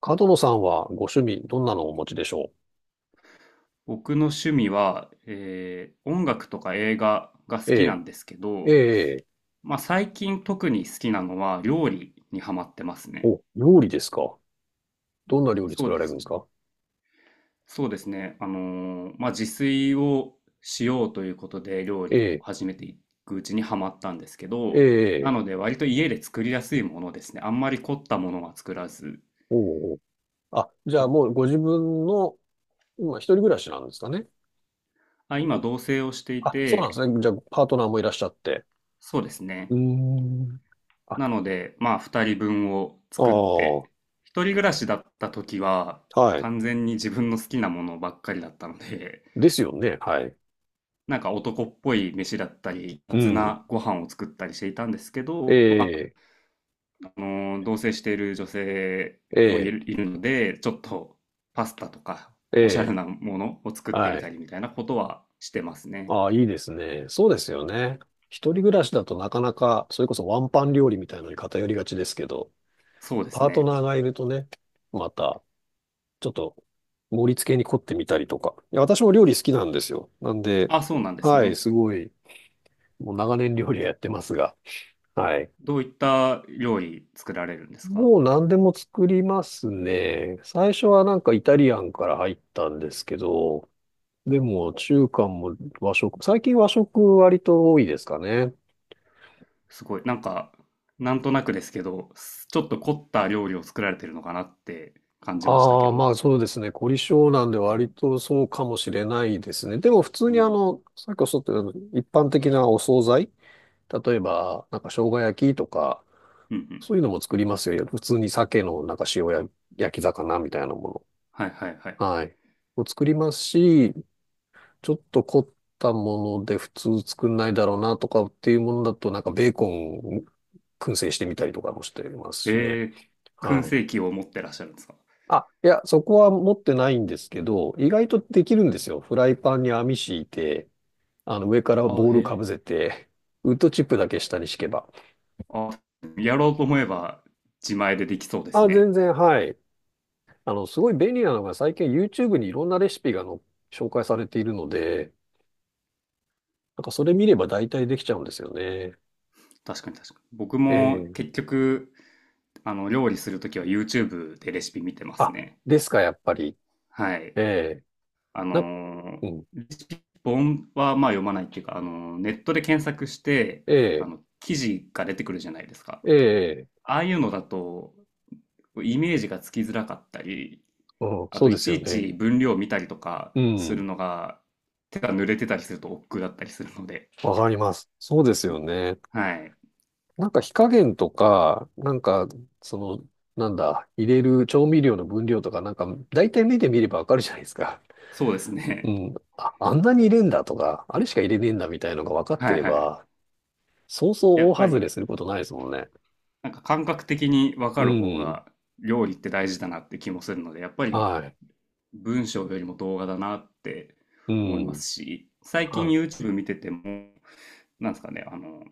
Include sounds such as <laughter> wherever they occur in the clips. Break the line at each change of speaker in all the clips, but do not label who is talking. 角野さんはご趣味、どんなのをお持ちでしょ
僕の趣味は、音楽とか映画が
う？
好
え
きなんですけ
え、え
ど、
え。
まあ、最近特に好きなのは料理にハマってますね。
お、料理ですか？どんな料理
そ
作
う
ら
で
れるん
す
です
ね。
か？
そうですね。まあ、自炊をしようということで料
え
理を
え、
始めていくうちにハマったんですけ
え
ど、な
え。
ので割と家で作りやすいものですね。あんまり凝ったものは作らず。
おうおう。あ、じゃあ
た
もうご自分の、今一人暮らしなんですかね？
今同棲をしてい
あ、そうなんで
て、
すね。じゃあ、パートナーもいらっしゃって。
そうです
うー
ね。
ん。あ、
なので、まあ、2人分を
あ
作っ
あ、
て、一人暮らしだった時は、
はい。
完全に自分の好きなものばっかりだったので、
ですよね。はい。
なんか男っぽい飯だったり、
う
雑
ん。
なご飯を作ったりしていたんですけ
え
ど、まあ、
え、
同棲している女性
え
も
え、
いるので、ちょっとパスタとか、
え
おしゃれ
え、
なものを作ってみ
は
た
い。
りみたいなことはしてますね。
ああ、いいですね。そうですよね。一人暮らしだとなかなか、それこそワンパン料理みたいなのに偏りがちですけど、
そうです
パート
ね。
ナーがいるとね、また、ちょっと、盛り付けに凝ってみたりとか。いや、私も料理好きなんですよ。なんで、
あ、そうなんです
はい、
ね。
すごい、もう長年料理はやってますが。はい。
どういった料理作られるんですか？
もう何でも作りますね。最初はなんかイタリアンから入ったんですけど、でも中華も和食、最近和食割と多いですかね。
すごい。なんか、なんとなくですけど、ちょっと凝った料理を作られてるのかなって感じましたけ
ああ、ま
ど。
あそうですね。凝り性なんで割とそうかもしれないですね。でも普通
う
にあ
ん。
の、さっきおっしゃったように一般的なお惣菜、例えば、なんか生姜焼きとか、
うんうん。
そういうのも作りますよ。普通に鮭のなんか塩や焼き魚みたいなも
はいはいはい。
の。はい。を作りますし、ちょっと凝ったもので普通作んないだろうなとかっていうものだと、なんかベーコン燻製してみたりとかもしてます
え
しね。
ー、燻
はい。
製器を持ってらっしゃるんですか？
あ、いや、そこは持ってないんですけど、意外とできるんですよ。フライパンに網敷いて、あの上から
あ、
ボー
へ
ルか
え。
ぶせて、ウッドチップだけ下に敷けば。
あ、やろうと思えば自前でできそうです
あ、全
ね。
然、はい。あの、すごい便利なのが最近 YouTube にいろんなレシピがの紹介されているので、なんかそれ見れば大体できちゃうんですよね。
確かに確かに。僕も
ええ、
結局、あの、料理するときは YouTube でレシピ見てます
あ、
ね。
ですか、やっぱり。
はい。
ええ、
あ
な、
の
うん。
レシピ本はまあ読まないっていうか、あのネットで検索して、あ
ええ、
の記事が出てくるじゃないですか。
ええ、
ああいうのだとイメージがつきづらかったり、
うん、
あ
そ
と
うで
い
す
ち
よ
い
ね。
ち分量を見たりとか
う
する
ん。
のが手が濡れてたりすると億劫だったりするので、
わかります。そうですよね。
はい、
なんか火加減とか、なんか、その、なんだ、入れる調味料の分量とか、なんか、大体目で見ればわかるじゃないですか。
そうです
う
ね。
ん。あ、あんなに入れんだとか、あれしか入れねえんだみたいのが分か
<laughs>
って
はい
れ
はい。
ば、そう
や
そ
っ
う大
ぱ
外れ
り
することないですもんね。
なんか感覚的に分
う
かる方
ん。
が料理って大事だなって気もするので、やっぱり
はい。
文章よりも動画だなって
う
思いま
ん。
すし、最近
は
YouTube 見てても、なんですかね、あの、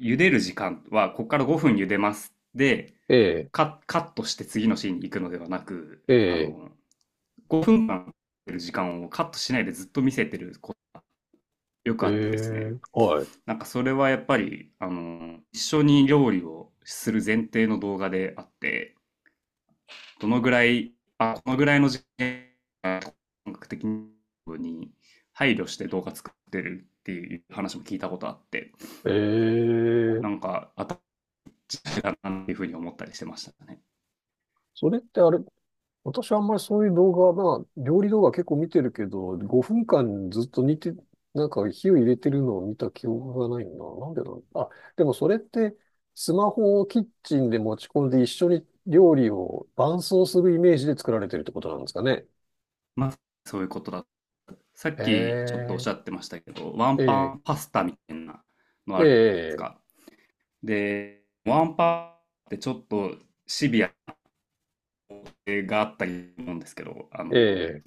茹でる時間は、ここから5分茹でますで、
い。ええ、
カットして次のシーンに行くのではなく、
え
あ
え、
の、5分間茹でる時間をカットしないでずっと見せてることよ
え
くあってですね、
え、は
なんかそれはやっぱり、あの、一緒に料理をする前提の動画であって、どのぐらい、あ、このぐらいの時間本格的に配慮して動画作ってるっていう話も聞いたことあって、
い。え
なん
え。
かあったかなっていうふうに思ったりしてましたね。
それってあれ、私はあんまりそういう動画、まあ、料理動画結構見てるけど、5分間ずっと煮て、なんか火を入れてるのを見た記憶がないんだ。なんでだろう。あ、でもそれって、スマホをキッチンで持ち込んで一緒に料理を伴奏するイメージで作られてるってことなんですかね？
まあ、そういうことだ。さっ
え
きちょっとおっし
え、
ゃってましたけど、ワンパ
え
ンパスタみたいなの
え、え
あるじゃないです
え。
か。で、ワンパンってちょっとシビアがあったりすると思うんですけど、あ
え
の、
え、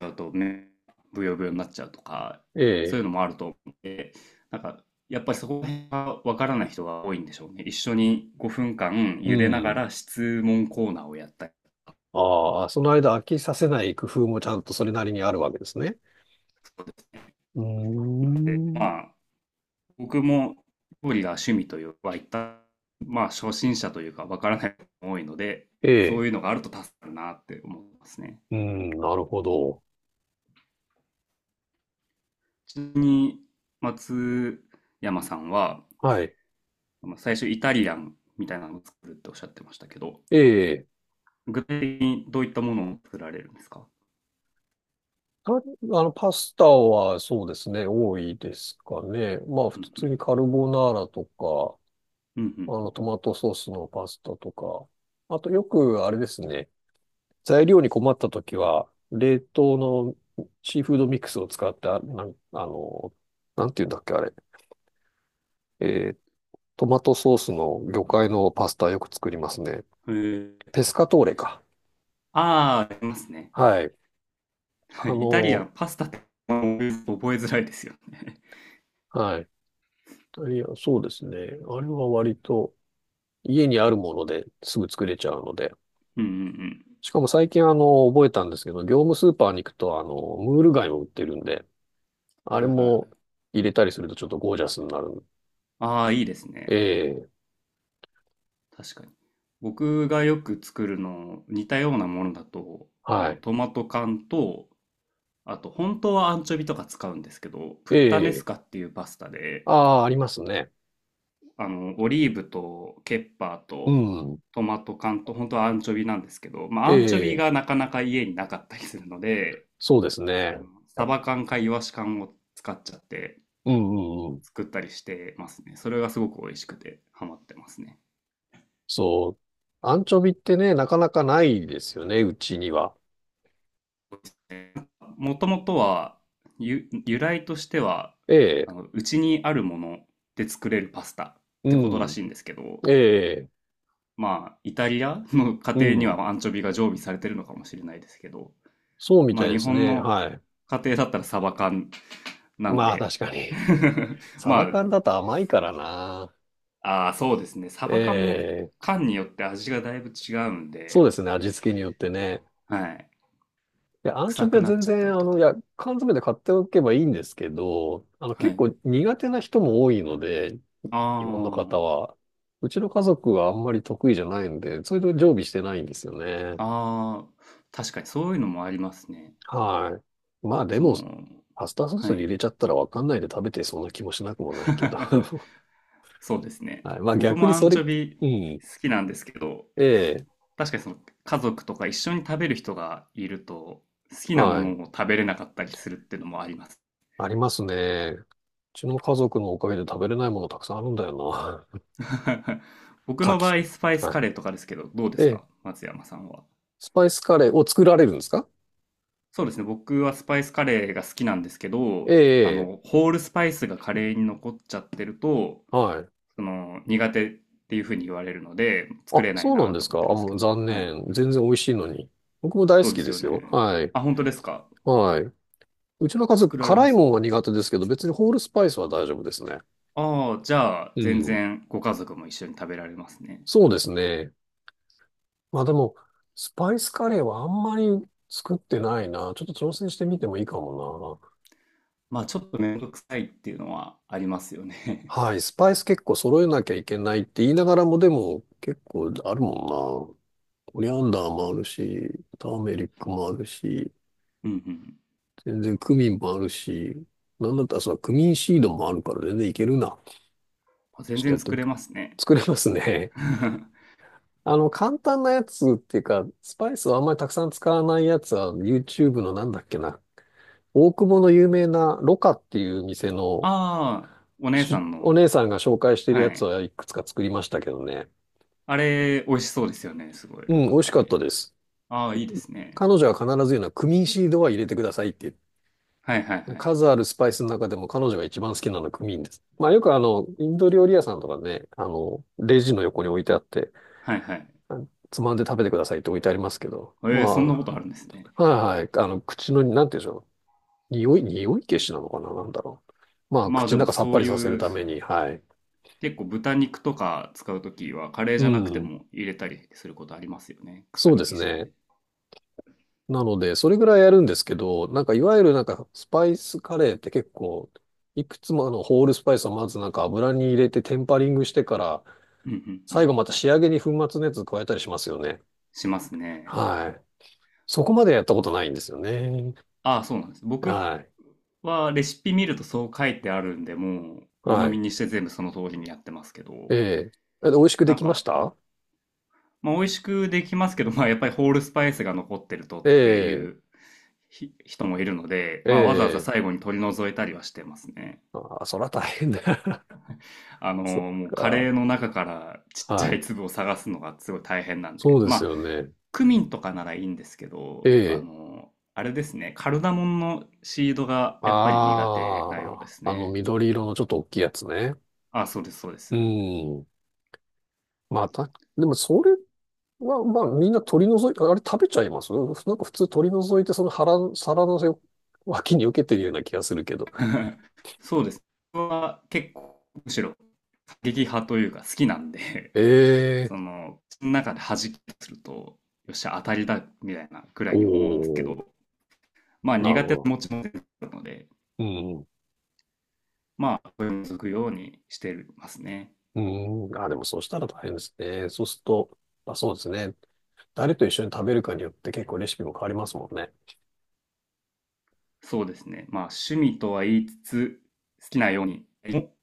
ゃうと、ね、ブヨブヨになっちゃうとか、
え
そうい
え、
うのもあると思って、なんか、やっぱりそこら辺がわからない人が多いんでしょうね。一緒に5分間
う
茹でなが
ん。
ら質問コーナーをやったり
ああ、その間飽きさせない工夫もちゃんとそれなりにあるわけですね。
とかですね。
うー
で、
ん。
まあ、僕も料理が趣味というはまあ、初心者というかわからない人が多いので、
え
そ
え、
ういうのがあると助かるなって思いますね。
うん、なるほど。
ちなみに、松山さんは、
はい。
最初イタリアンみたいなのを作るっておっしゃってましたけど、
ええ、
具体的にどういったものを作られるんですか？
あの、パスタはそうですね、多いですかね。まあ、
う
普
んう
通
ん。
にカルボナーラとか、
うんうん
あの、トマトソースのパスタとか。あと、よくあれですね、材料に困った時は、冷凍のシーフードミックスを使って、なんていうんだっけ、あれ。えートマトソースの魚介のパスタよく作りますね。
うん。へえ、
ペスカトーレ
確か。
か。
ああー、ありますね。
はい。あ
<laughs> イタリア
の、
ン、パスタって覚えづらいですよね。
はい。いや、そうですね。あれは割と家にあるものですぐ作れちゃうので。
<laughs> うんうん
しかも最近あの、覚えたんですけど、業務スーパーに行くとあの、ムール貝も売ってるんで、
う
あ
ん。
れ
はいはいは
も
い。
入れたりするとちょっとゴージャスになる。
ああ、いいです
え
ね。
え、
確かに。僕がよく作るの、似たようなものだと、あ
は
の、
い。
トマト缶と、あと、本当はアンチョビとか使うんですけど、プ
え
ッタネス
え、
カっていうパスタで、
ああ、ありますね。
あの、オリーブとケッパー
う
と
ん。
トマト缶と本当はアンチョビなんですけど、まあ、
え
アンチョビ
え、
がなかなか家になかったりするので、
そうですね。
あのサバ缶かイワシ缶を使っちゃって
うんうんうん。
作ったりしてますね。それがすごく美味しくてハマってますね。
そう。アンチョビってね、なかなかないですよね、うちには。
もともとは由来としては、
ええ、
あの、うちにあるもので作れるパスタっ
う
てことら
ん、
しいんですけど、
ええ、
まあ、イタリアの家
う
庭に
ん。
はアンチョビが常備されてるのかもしれないですけど、
そうみ
ま
た
あ
い
日
です
本
ね。
の
はい。
家庭だったらサバ缶なん
まあ
で。
確か
<laughs>
に。サ
ま
バ
あ、
缶だと甘いからな。
ああ、そうですね。サ
え
バ缶も
え、
缶によって味がだいぶ違うん
そう
で、
ですね、味付けによってね。
はい。
いや、アンチョ
臭
ビ
く
は
なっ
全
ちゃった
然、
り
あ
と
の、い
か。
や、缶詰で買っておけばいいんですけど、あの、
は
結
い。
構苦手な人も多いので、日本の
あ
方は。うちの家族はあんまり得意じゃないんで、それで常備してないんですよね。
あ、ああ、確かにそういうのもありますね。
はい。まあで
そ
も、
の、
パスタソース
は
に
い。
入れちゃったらわかんないで食べてそうな気もしなくもないけど。
<laughs>
<laughs>
そうですね。
はい。まあ
僕
逆
も
に
ア
そ
ンチ
れ、
ョビ
うん。
好きなんですけど、
ええ、
確かにその家族とか一緒に食べる人がいると、好きなも
はい。
のを食べれなかったりするっていうのもあります。
ありますね。うちの家族のおかげで食べれないものたくさんあるんだよな。
<laughs>
<laughs>
僕
牡
の場
蠣。
合、スパイス
は
カ
い。
レーとかですけど、どうで
え
す
え、
か松山さんは。
スパイスカレーを作られるんですか？
そうですね。僕はスパイスカレーが好きなんですけ
え
ど、あ
え、ええ、
の、ホールスパイスがカレーに残っちゃってると、
はい。
その、苦手っていうふうに言われるので、作
あ、
れない
そうなん
な
で
と
す
思っ
か。あ、
てるんです
も
け
う
ど。
残
はい。
念。全然美味しいのに。僕も大好
そうで
き
す
で
よ
すよ。
ね。
はい。
あ、本当ですか？
はい。うちの家族、
作られ
辛
ま
い
す？
もんは苦手ですけど、別にホールスパイスは大丈夫ですね。
ああ、じゃあ、
う
全
ん。
然ご家族も一緒に食べられますね。
そうですね。まあでも、スパイスカレーはあんまり作ってないな。ちょっと挑戦してみてもいいかも
まあ、ちょっとめんどくさいっていうのはありますよね。
な。はい。スパイス結構揃えなきゃいけないって言いながらも、でも結構あるもんな。コリアンダーもあるし、ターメリックもあるし、
<laughs> うん
全然クミンもあるし、なんだったらそのクミンシードもあるから全然いけるな。
うん。
ち
全
ょっとや
然
って
作
みる。
れますね。
<laughs> 作れますね。
<laughs>
<laughs> あの、簡単なやつっていうか、スパイスをあんまりたくさん使わないやつは、YouTube のなんだっけな。大久保の有名なロカっていう店の
ああ、お姉さん
お
の。
姉さんが紹介してる
は
やつ
い。
はいくつか作りましたけどね。
あれ、美味しそうですよね。すごい、
う
ろ
ん、
か
美味し
カ
かった
レ
で
ー。
す。
ああ、いいですね。
彼女は必ず言うのはクミンシードは入れてくださいって
はいはいは
言う。
い。
数あるスパイスの中でも彼女が一番好きなのはクミンです。まあよくあの、インド料理屋さんとかね、あの、レジの横に置いてあって、
はいはい。
あつまんで食べてくださいって置いてありますけど、ま
えー、そんなこ
あ、
とあるんですね。
はいはい、あの、口の、なんて言うんでしょう。匂い、匂い消しなのかな、なんだろう。まあ、
まあ
口
で
の
も
中さっ
そ
ぱ
う
り
い
させる
う、
ために、はい。
結構豚肉とか使うときは、カレー
う
じゃなくて
ん。
も入れたりすることありますよね。臭
そうで
み消
す
し
ね。
で。
なので、それぐらいやるんですけど、なんかいわゆるなんかスパイスカレーって結構、いくつもあのホールスパイスをまずなんか油に入れてテンパリングしてから、
うんうんう
最
ん。
後また仕上げに粉末のやつ加えたりしますよね。
しますね。
はい。そこまでやったことないんですよね。
ああ、そうなんです。僕
はい。
はレシピ見るとそう書いてあるんで、もう鵜呑
は
み
い。
にして全部その通りにやってますけ
え
ど、
え。美味しくで
なん
きまし
か
た？
まあ、美味しくできますけど、まあ、やっぱりホールスパイスが残ってると
え
ってい
え。
う人もいるので、
え
まあ、わざわざ
え。
最後に取り除いたりはしてますね。
ああ、そら大変だ。<laughs>
あの、
そっ
もうカ
か。
レーの中からちっち
は
ゃい
い。
粒を探すのがすごい大変なん
そ
で、
うです
まあ、
よね。
クミンとかならいいんですけ
え
ど、あ
え。
の、あれですね、カルダモンのシードがやっぱり苦手なようで
あ
す
あ、あの
ね。
緑色のちょっと大きいやつね。
あ、そうです、そうです。
うん。まあ、た、でもそれは、まあみんな取り除い、あれ食べちゃいますなんか普通取り除いてその腹、皿のせ脇に受けてるような気がするけど。
<laughs> そうです。僕は結構、むしろ過激派というか好きなんで
ええ、
その、の中で弾きすると、よっしゃ、当たりだ、みたいなくら
お
いに思うんですけ
お、
ど、まあ
なる
苦
ほ
手な
ど。
持ちも出てくるので、
うん。
まあ、これを続くようにしてますね。
うん。あ、でもそうしたら大変ですね。そうすると、まあ、そうですね。誰と一緒に食べるかによって結構レシピも変わりますもんね。
そうですね。まあ、趣味とは言いつつ、好きなようにも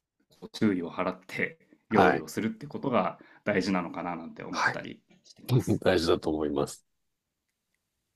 注意を払って料
は
理
い。
をするってことが大事なのかななんて思っ
はい。
たりしていま
<laughs>
す。
大事だと思います。